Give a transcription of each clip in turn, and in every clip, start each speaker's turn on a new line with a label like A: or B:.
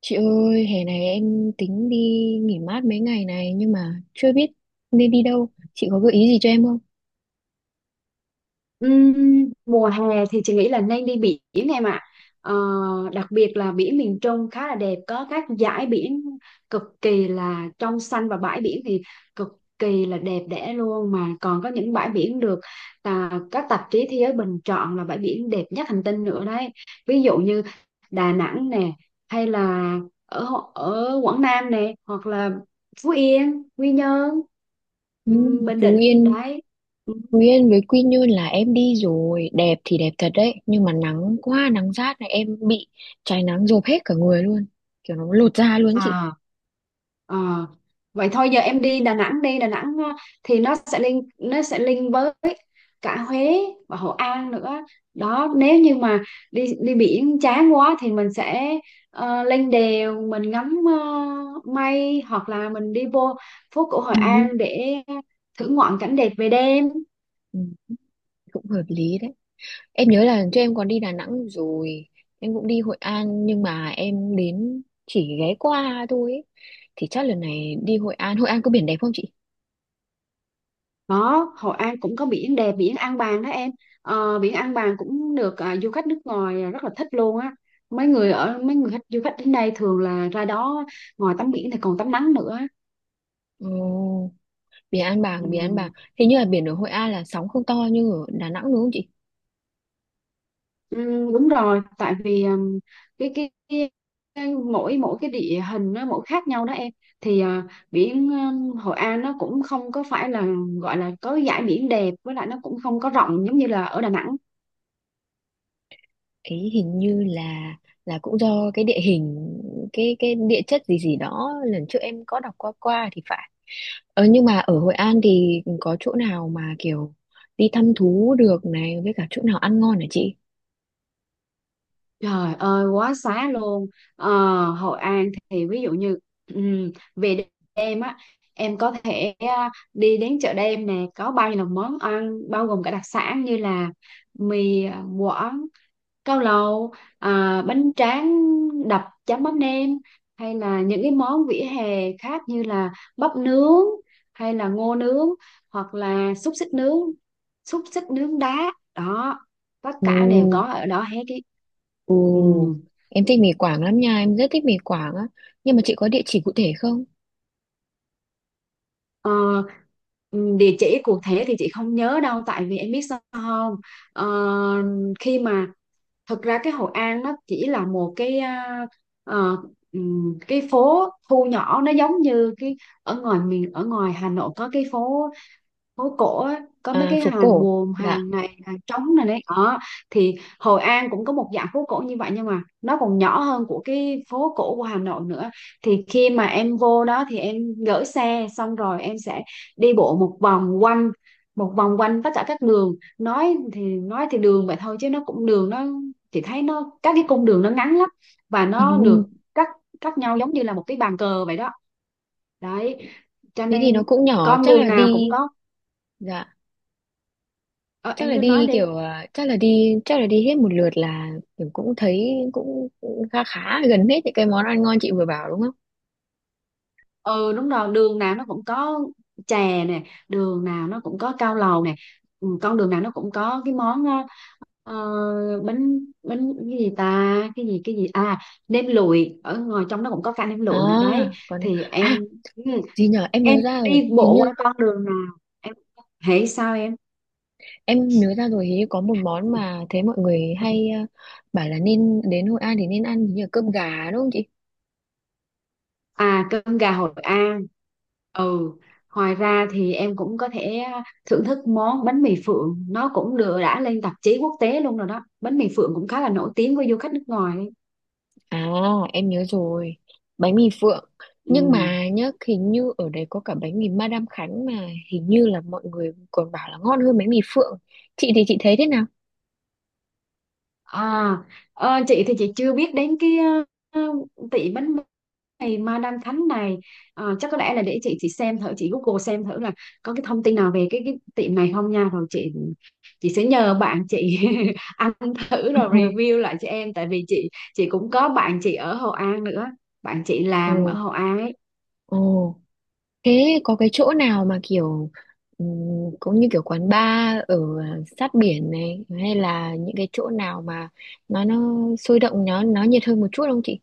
A: Chị ơi, hè này em tính đi nghỉ mát mấy ngày này nhưng mà chưa biết nên đi đâu. Chị có gợi ý gì cho em không?
B: Ừm, Mùa hè thì chị nghĩ là nên đi biển em ạ. Ờ, Đặc biệt là biển miền Trung khá là đẹp, có các dải biển cực kỳ là trong xanh và bãi biển thì cực kỳ là đẹp đẽ luôn, mà còn có những bãi biển được các tạp chí thế giới bình chọn là bãi biển đẹp nhất hành tinh nữa đấy. Ví dụ như Đà Nẵng nè, hay là ở Quảng Nam nè, hoặc là Phú Yên, Quy Nhơn,
A: Ừ.
B: Bình
A: Phú
B: Định
A: Yên,
B: đấy. Ừm.
A: Phú Yên với Quy Nhơn là em đi rồi, đẹp thì đẹp thật đấy, nhưng mà nắng quá, nắng rát này em bị cháy nắng rộp hết cả người luôn, kiểu nó lột da luôn chị.
B: À, Ờ, Vậy thôi giờ em đi Đà Nẵng, đi Đà Nẵng, thì nó sẽ link với cả Huế và Hội An nữa đó. Nếu như mà đi đi biển chán quá thì mình sẽ lên đèo mình ngắm mây, hoặc là mình đi vô phố cổ Hội
A: Ừ,
B: An để thưởng ngoạn cảnh đẹp về đêm.
A: ừ, cũng hợp lý đấy. Em nhớ là lần trước em còn đi Đà Nẵng rồi, em cũng đi Hội An nhưng mà em đến chỉ ghé qua thôi ấy. Thì chắc lần này đi Hội An, Hội An có biển đẹp không chị?
B: Có, Hội An cũng có biển đẹp, biển An Bàng đó em. Biển An Bàng cũng được, du khách nước ngoài rất là thích luôn á. Mấy người khách du khách đến đây thường là ra đó, ngoài tắm biển thì còn tắm nắng nữa.
A: Ồ, biển An
B: Ừ.
A: Bàng, biển An Bàng. Hình như là biển ở Hội An là sóng không to như ở Đà Nẵng đúng không chị?
B: Ừ, đúng rồi, tại vì cái, cái cái cái mỗi mỗi cái địa hình nó mỗi khác nhau đó em. Thì biển Hội An nó cũng không có phải là gọi là có dải biển đẹp, với lại nó cũng không có rộng giống như là ở Đà Nẵng.
A: Ấy hình như là cũng do cái địa hình, cái địa chất gì gì đó lần trước em có đọc qua qua thì phải. Ờ nhưng mà ở Hội An thì có chỗ nào mà kiểu đi thăm thú được này với cả chỗ nào ăn ngon hả chị?
B: Trời ơi quá xá luôn! ờ, Hội An thì ví dụ như về đêm á, em có thể đi đến chợ đêm nè, có bao nhiêu là món ăn bao gồm cả đặc sản như là mì quảng, cao lầu, bánh tráng đập chấm mắm nêm, hay là những cái món vỉa hè khác như là bắp nướng, hay là ngô nướng, hoặc là xúc xích nướng, xúc xích nướng đá đó, tất
A: Ồ,
B: cả đều có ở đó hết cái. Ừ.
A: ồ, em thích mì Quảng lắm nha, em rất thích mì Quảng á. Nhưng mà chị có địa chỉ cụ thể không?
B: Ờ, ừ, Địa chỉ cụ thể thì chị không nhớ đâu, tại vì em biết sao không. Ờ, Khi mà thực ra cái Hội An nó chỉ là một cái, ờ, cái phố thu nhỏ nó giống như cái ở ngoài Hà Nội có cái phố phố cổ á, có mấy
A: À,
B: cái
A: phố
B: hàng
A: cổ.
B: buồm,
A: Dạ.
B: hàng này, hàng trống này đấy đó. Thì Hội An cũng có một dạng phố cổ như vậy, nhưng mà nó còn nhỏ hơn của cái phố cổ của Hà Nội nữa. Thì khi mà em vô đó thì em gửi xe xong, rồi em sẽ đi bộ một vòng quanh, tất cả các đường. Nói thì đường vậy thôi, chứ nó cũng đường nó, chị thấy nó các cái cung đường nó ngắn lắm, và nó
A: Ừ.
B: được cắt cắt nhau giống như là một cái bàn cờ vậy đó đấy, cho
A: Thế thì nó
B: nên
A: cũng nhỏ,
B: con
A: chắc
B: đường
A: là
B: nào cũng
A: đi.
B: có.
A: Dạ.
B: Ờ,
A: Chắc
B: em
A: là
B: cứ nói
A: đi
B: đi.
A: kiểu chắc là đi hết một lượt là kiểu cũng thấy cũng khá khá gần hết những cái món ăn ngon chị vừa bảo đúng không?
B: Ừ, đúng rồi, đường nào nó cũng có chè nè, đường nào nó cũng có cao lầu nè, con đường nào nó cũng có cái món bánh bánh cái gì ta, cái gì cái gì, nem lụi, ở ngoài trong nó cũng có cả nem
A: À,
B: lụi nữa đấy.
A: còn
B: Thì em,
A: à,
B: ừ,
A: gì nhở, em
B: em
A: nhớ ra rồi,
B: đi
A: hình
B: bộ
A: như
B: qua con đường nào? Em hãy sao em?
A: em nhớ ra rồi hình như có một món mà thấy mọi người hay bảo là nên đến Hội An thì nên ăn hình như là cơm gà đúng không chị?
B: À, cơm gà Hội An. Ừ, ngoài ra thì em cũng có thể thưởng thức món bánh mì Phượng, nó cũng được đã lên tạp chí quốc tế luôn rồi đó. Bánh mì Phượng cũng khá là nổi tiếng với du khách nước ngoài.
A: À em nhớ rồi, bánh mì Phượng.
B: Ừ.
A: Nhưng mà nhá hình như ở đấy có cả bánh mì Madame Khánh mà hình như là mọi người còn bảo là ngon hơn bánh mì Phượng, chị thì chị thấy thế nào?
B: À, chị thì chị chưa biết đến cái, tỷ bánh này, Madam Thánh này. Chắc có lẽ là để chị xem thử, chị Google xem thử là có cái thông tin nào về cái tiệm này không nha, rồi chị sẽ nhờ bạn chị ăn thử rồi review lại cho em, tại vì chị cũng có bạn chị ở Hội An nữa, bạn chị
A: Ồ,
B: làm ở Hội An ấy.
A: ồ, thế có cái chỗ nào mà kiểu ừm, cũng như kiểu quán bar ở sát biển này hay là những cái chỗ nào mà nó sôi động nó nhiệt hơn một chút không chị?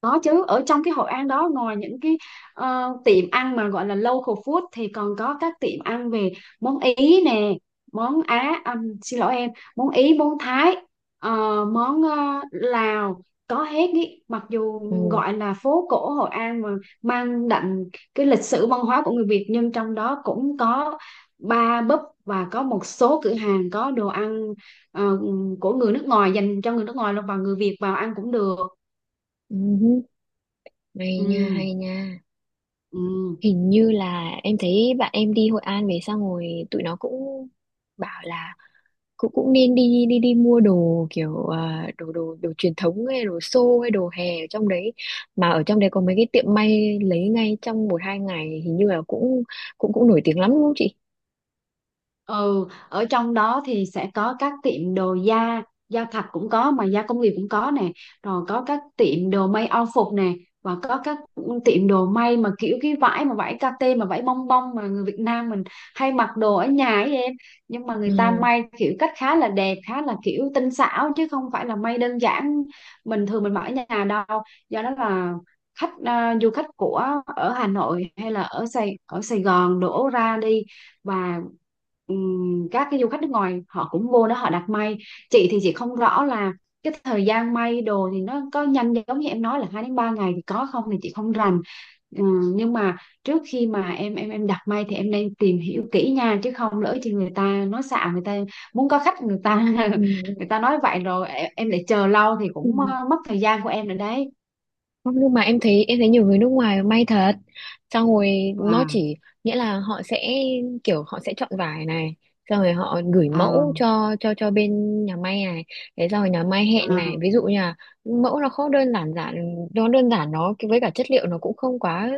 B: Có chứ, ở trong cái Hội An đó, ngoài những cái tiệm ăn mà gọi là local food thì còn có các tiệm ăn về món Ý nè, món Á, xin lỗi em, món Ý, món Thái, ờ, món Lào, có hết ý. Mặc dù
A: Ừ,
B: gọi là phố cổ Hội An mà mang đậm cái lịch sử văn hóa của người Việt, nhưng trong đó cũng có bar, pub, và có một số cửa hàng có đồ ăn ờ, của người nước ngoài dành cho người nước ngoài luôn, và người Việt vào ăn cũng được.
A: ừm, hay nha,
B: Ừ.
A: hay nha.
B: Ừ.
A: Hình như là em thấy bạn em đi Hội An về xong rồi tụi nó cũng bảo là cũng cũng nên đi đi đi mua đồ kiểu đồ đồ đồ truyền thống hay đồ xô hay đồ hè ở trong đấy, mà ở trong đấy có mấy cái tiệm may lấy ngay trong 1 2 ngày hình như là cũng cũng cũng nổi tiếng lắm đúng không chị?
B: ừ Ở trong đó thì sẽ có các tiệm đồ da, da thật cũng có mà da công nghiệp cũng có nè, rồi có các tiệm đồ may âu phục nè, và có các tiệm đồ may mà kiểu cái vải mà vải kate mà vải bông bông mà người Việt Nam mình hay mặc đồ ở nhà ấy em. Nhưng mà người ta
A: Ừ.
B: may kiểu cách khá là đẹp, khá là kiểu tinh xảo, chứ không phải là may đơn giản bình thường mình mặc ở nhà đâu. Do đó là khách, du khách của ở Hà Nội hay là ở Sài Gòn đổ ra đi. Và các cái du khách nước ngoài họ cũng vô đó họ đặt may. Chị thì chị không rõ là cái thời gian may đồ thì nó có nhanh giống như em nói là 2 đến 3 ngày thì có không, thì chị không rành. Nhưng mà trước khi mà em đặt may thì em nên tìm hiểu kỹ nha, chứ không lỡ thì người ta nói xạo, người ta muốn có khách, người ta người ta nói vậy rồi em lại chờ lâu thì
A: Ừ.
B: cũng mất thời gian của em nữa đấy.
A: Không, nhưng mà em thấy nhiều người nước ngoài may thật, xong rồi nó
B: à
A: chỉ nghĩa là họ sẽ kiểu họ sẽ chọn vải này xong rồi họ gửi mẫu
B: à
A: cho cho bên nhà may này, thế xong rồi nhà may hẹn
B: à
A: này ví dụ như là mẫu nó không đơn giản giản nó đơn giản nó với cả chất liệu nó cũng không quá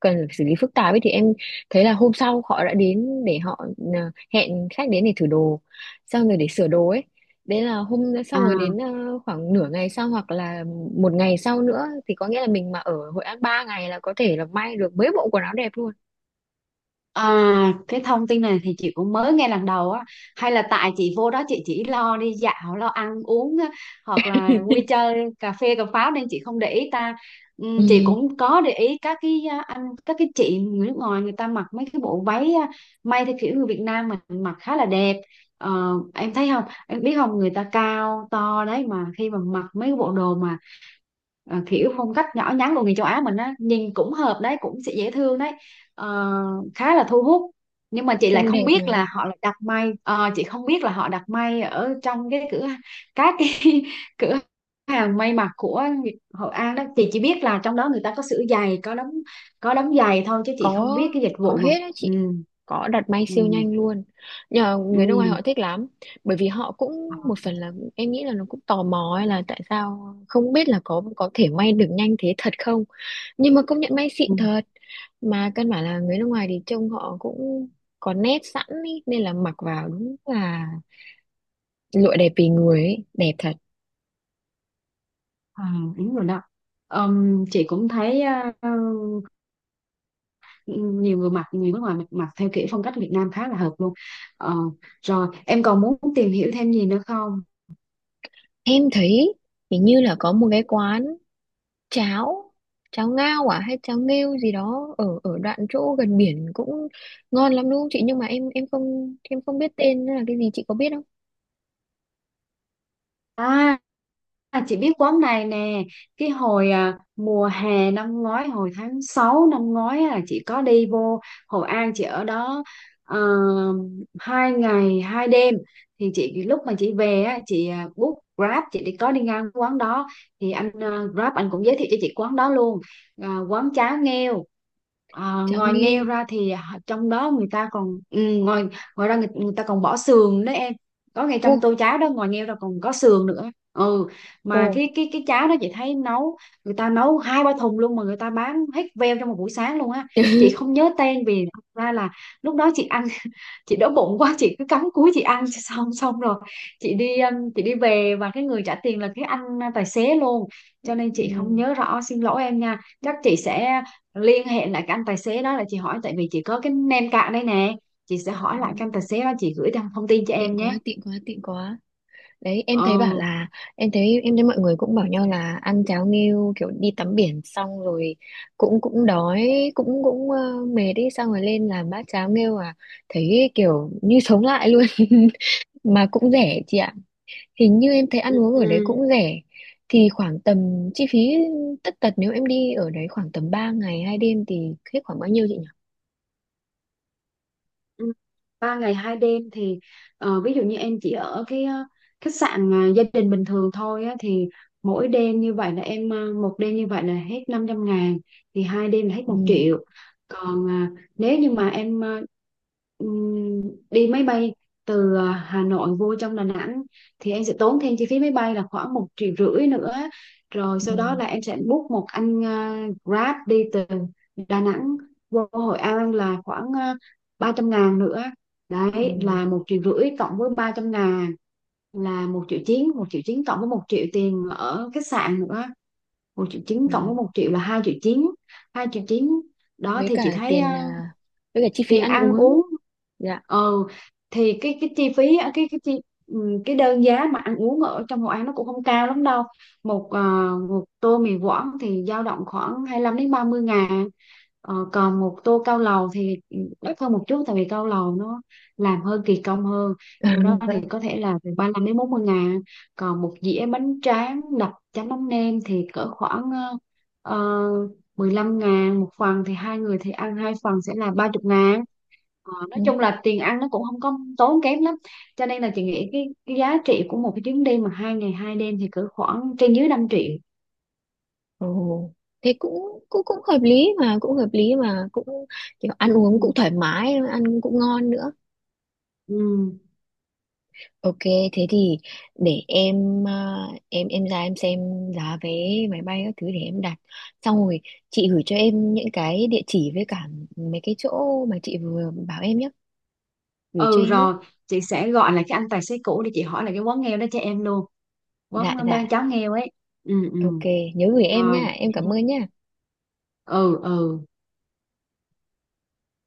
A: cần phải xử lý phức tạp ấy, thì em thấy là hôm sau họ đã đến để họ à, hẹn khách đến để thử đồ xong rồi để sửa đồ ấy. Đấy là hôm đấy xong rồi đến
B: à
A: khoảng nửa ngày sau hoặc là một ngày sau nữa, thì có nghĩa là mình mà ở Hội An 3 ngày là có thể là may được mấy bộ quần áo đẹp luôn.
B: Cái thông tin này thì chị cũng mới nghe lần đầu á, hay là tại chị vô đó chị chỉ lo đi dạo lo ăn uống á, hoặc là vui chơi cà phê cà pháo nên chị không để ý ta. Chị
A: Ừ,
B: cũng có để ý các cái anh các cái chị người nước ngoài, người ta mặc mấy cái bộ váy may theo kiểu người Việt Nam mình mặc khá là đẹp. Em thấy không, em biết không, người ta cao to đấy mà khi mà mặc mấy cái bộ đồ mà kiểu phong cách nhỏ nhắn của người châu Á mình á, nhìn cũng hợp đấy, cũng sẽ dễ thương đấy, ờ, khá là thu hút. Nhưng mà chị lại
A: trông
B: không
A: đẹp
B: biết
A: mà.
B: là họ là đặt may. Ờ, chị không biết là họ đặt may ở trong cái các cái cửa hàng may mặc của Hội An đó. Chị chỉ biết là trong đó người ta có sửa giày, có đóng giày thôi, chứ chị không
A: có
B: biết cái dịch
A: có
B: vụ mà.
A: hết á
B: Ừ
A: chị, có đặt may siêu
B: ừ.
A: nhanh luôn, nhờ người nước ngoài
B: Ừ.
A: họ thích lắm, bởi vì họ cũng một phần là em nghĩ là nó cũng tò mò ấy, là tại sao không biết là có thể may được nhanh thế thật không, nhưng mà công nhận may xịn
B: ừ,
A: thật. Mà căn bản là người nước ngoài thì trông họ cũng có nét sẵn ý, nên là mặc vào đúng là lụa đẹp vì người ấy, đẹp thật.
B: ừ, đúng rồi đó. Chị cũng thấy ờ, nhiều người mặc, người nước ngoài mặc theo kiểu phong cách Việt Nam khá là hợp luôn. Ờ, Rồi em còn muốn tìm hiểu thêm gì nữa không?
A: Em thấy hình như là có một cái quán cháo, cháo ngao à hay cháo nghêu gì đó ở ở đoạn chỗ gần biển cũng ngon lắm đúng không chị, nhưng mà em không biết tên nó là cái gì, chị có biết không?
B: À. À, chị biết quán này nè, cái hồi mùa hè năm ngoái, hồi tháng 6 năm ngoái là chị có đi vô Hội An, chị ở đó ờ, 2 ngày 2 đêm. Thì chị, lúc mà chị về á, chị book Grab chị đi, có đi ngang quán đó, thì anh Grab anh cũng giới thiệu cho chị quán đó luôn. À, quán cháo nghêu.
A: Cháo
B: Ngoài nghêu
A: nghêu.
B: ra thì trong đó người ta còn, ngoài ngoài ra người ta còn bỏ sườn đấy em, có ngay
A: Ô,
B: trong tô cháo đó, ngoài nghêu ra còn có sườn nữa. Ừ. Mà
A: ô.
B: cái cháo đó chị thấy nấu, người ta nấu 2 3 thùng luôn mà người ta bán hết veo trong một buổi sáng luôn á. Chị không nhớ tên vì thật ra là lúc đó chị ăn chị đói bụng quá, chị cứ cắm cúi chị ăn xong xong rồi chị đi, chị đi về, và cái người trả tiền là cái anh tài xế luôn, cho nên chị
A: Ừ.
B: không nhớ rõ, xin lỗi em nha. Chắc chị sẽ liên hệ lại cái anh tài xế đó là chị hỏi, tại vì chị có cái name card đây nè, chị sẽ hỏi lại
A: Ừ.
B: cái anh tài xế đó, chị gửi thông thông tin cho
A: Tiện
B: em
A: quá,
B: nhé.
A: tiện quá, tiện quá. Đấy em thấy bảo
B: Ừ.
A: là em thấy mọi người cũng bảo nhau là ăn cháo nghêu kiểu đi tắm biển xong rồi cũng cũng đói cũng cũng mệt đi, xong rồi lên làm bát cháo nghêu à, thấy kiểu như sống lại luôn. Mà cũng rẻ chị ạ, hình như em thấy ăn uống ở đấy
B: Ừ.
A: cũng rẻ. Thì khoảng tầm chi phí tất tật nếu em đi ở đấy khoảng tầm 3 ngày 2 đêm thì hết khoảng bao nhiêu chị nhỉ?
B: Ừ, 3 ngày 2 đêm thì ví dụ như em chỉ ở cái khách sạn mà gia đình bình thường thôi á, thì mỗi đêm như vậy là em, một đêm như vậy là hết 500.000, thì hai đêm là hết một
A: Ừ,
B: triệu Còn nếu như mà em ừm, đi máy bay từ Hà Nội vô trong Đà Nẵng thì em sẽ tốn thêm chi phí máy bay là khoảng 1.500.000 nữa. Rồi sau đó
A: ừ,
B: là em sẽ book một anh Grab đi từ Đà Nẵng vô Hội An là khoảng 300.000 nữa. Đấy là
A: ừ,
B: 1.500.000 cộng với 300.000 là 1.900.000, 1.900.000 cộng với 1.000.000 tiền ở khách sạn nữa, 1.900.000
A: ừ.
B: cộng với một triệu là 2.900.000. 2.900.000 đó
A: Với
B: thì chị
A: cả
B: thấy
A: tiền với cả chi phí
B: tiền
A: ăn
B: ăn
A: uống.
B: uống.
A: Dạ.
B: Ừ, thì cái chi phí á, cái đơn giá mà ăn uống ở trong Hội An nó cũng không cao lắm đâu. một ờ, Một tô mì Quảng thì dao động khoảng 25 đến 30 ngàn. Còn một tô cao lầu thì đắt hơn một chút, tại vì cao lầu nó làm hơi kỳ công hơn, do đó thì có thể là từ 35 đến 40 ngàn. Còn một dĩa bánh tráng đập chấm mắm nêm thì cỡ khoảng uh, 15 ngàn một phần, thì hai người thì ăn hai phần sẽ là 30 ngàn. Nói chung
A: Ừ.
B: là tiền ăn nó cũng không có tốn kém lắm, cho nên là chị nghĩ cái giá trị của một cái chuyến đi mà 2 ngày 2 đêm thì cỡ khoảng trên dưới 5.000.000.
A: Ồ, thế cũng cũng cũng hợp lý mà, cũng hợp lý mà, cũng kiểu ăn
B: Ừ.
A: uống cũng thoải mái, ăn cũng ngon nữa.
B: Ừ.
A: OK, thế thì để em em ra em xem giá vé máy bay các thứ để em đặt, xong rồi chị gửi cho em những cái địa chỉ với cả mấy cái chỗ mà chị vừa bảo em nhé, gửi cho
B: ừ
A: em ý.
B: Rồi chị sẽ gọi là cái anh tài xế cũ để chị hỏi là cái quán nghèo đó cho em luôn,
A: Dạ
B: quán
A: dạ.
B: ba cháo nghèo ấy. Ừ. Ừ.
A: OK, nhớ gửi em
B: Rồi.
A: nha, em cảm ơn nha.
B: Ừ. Ừ.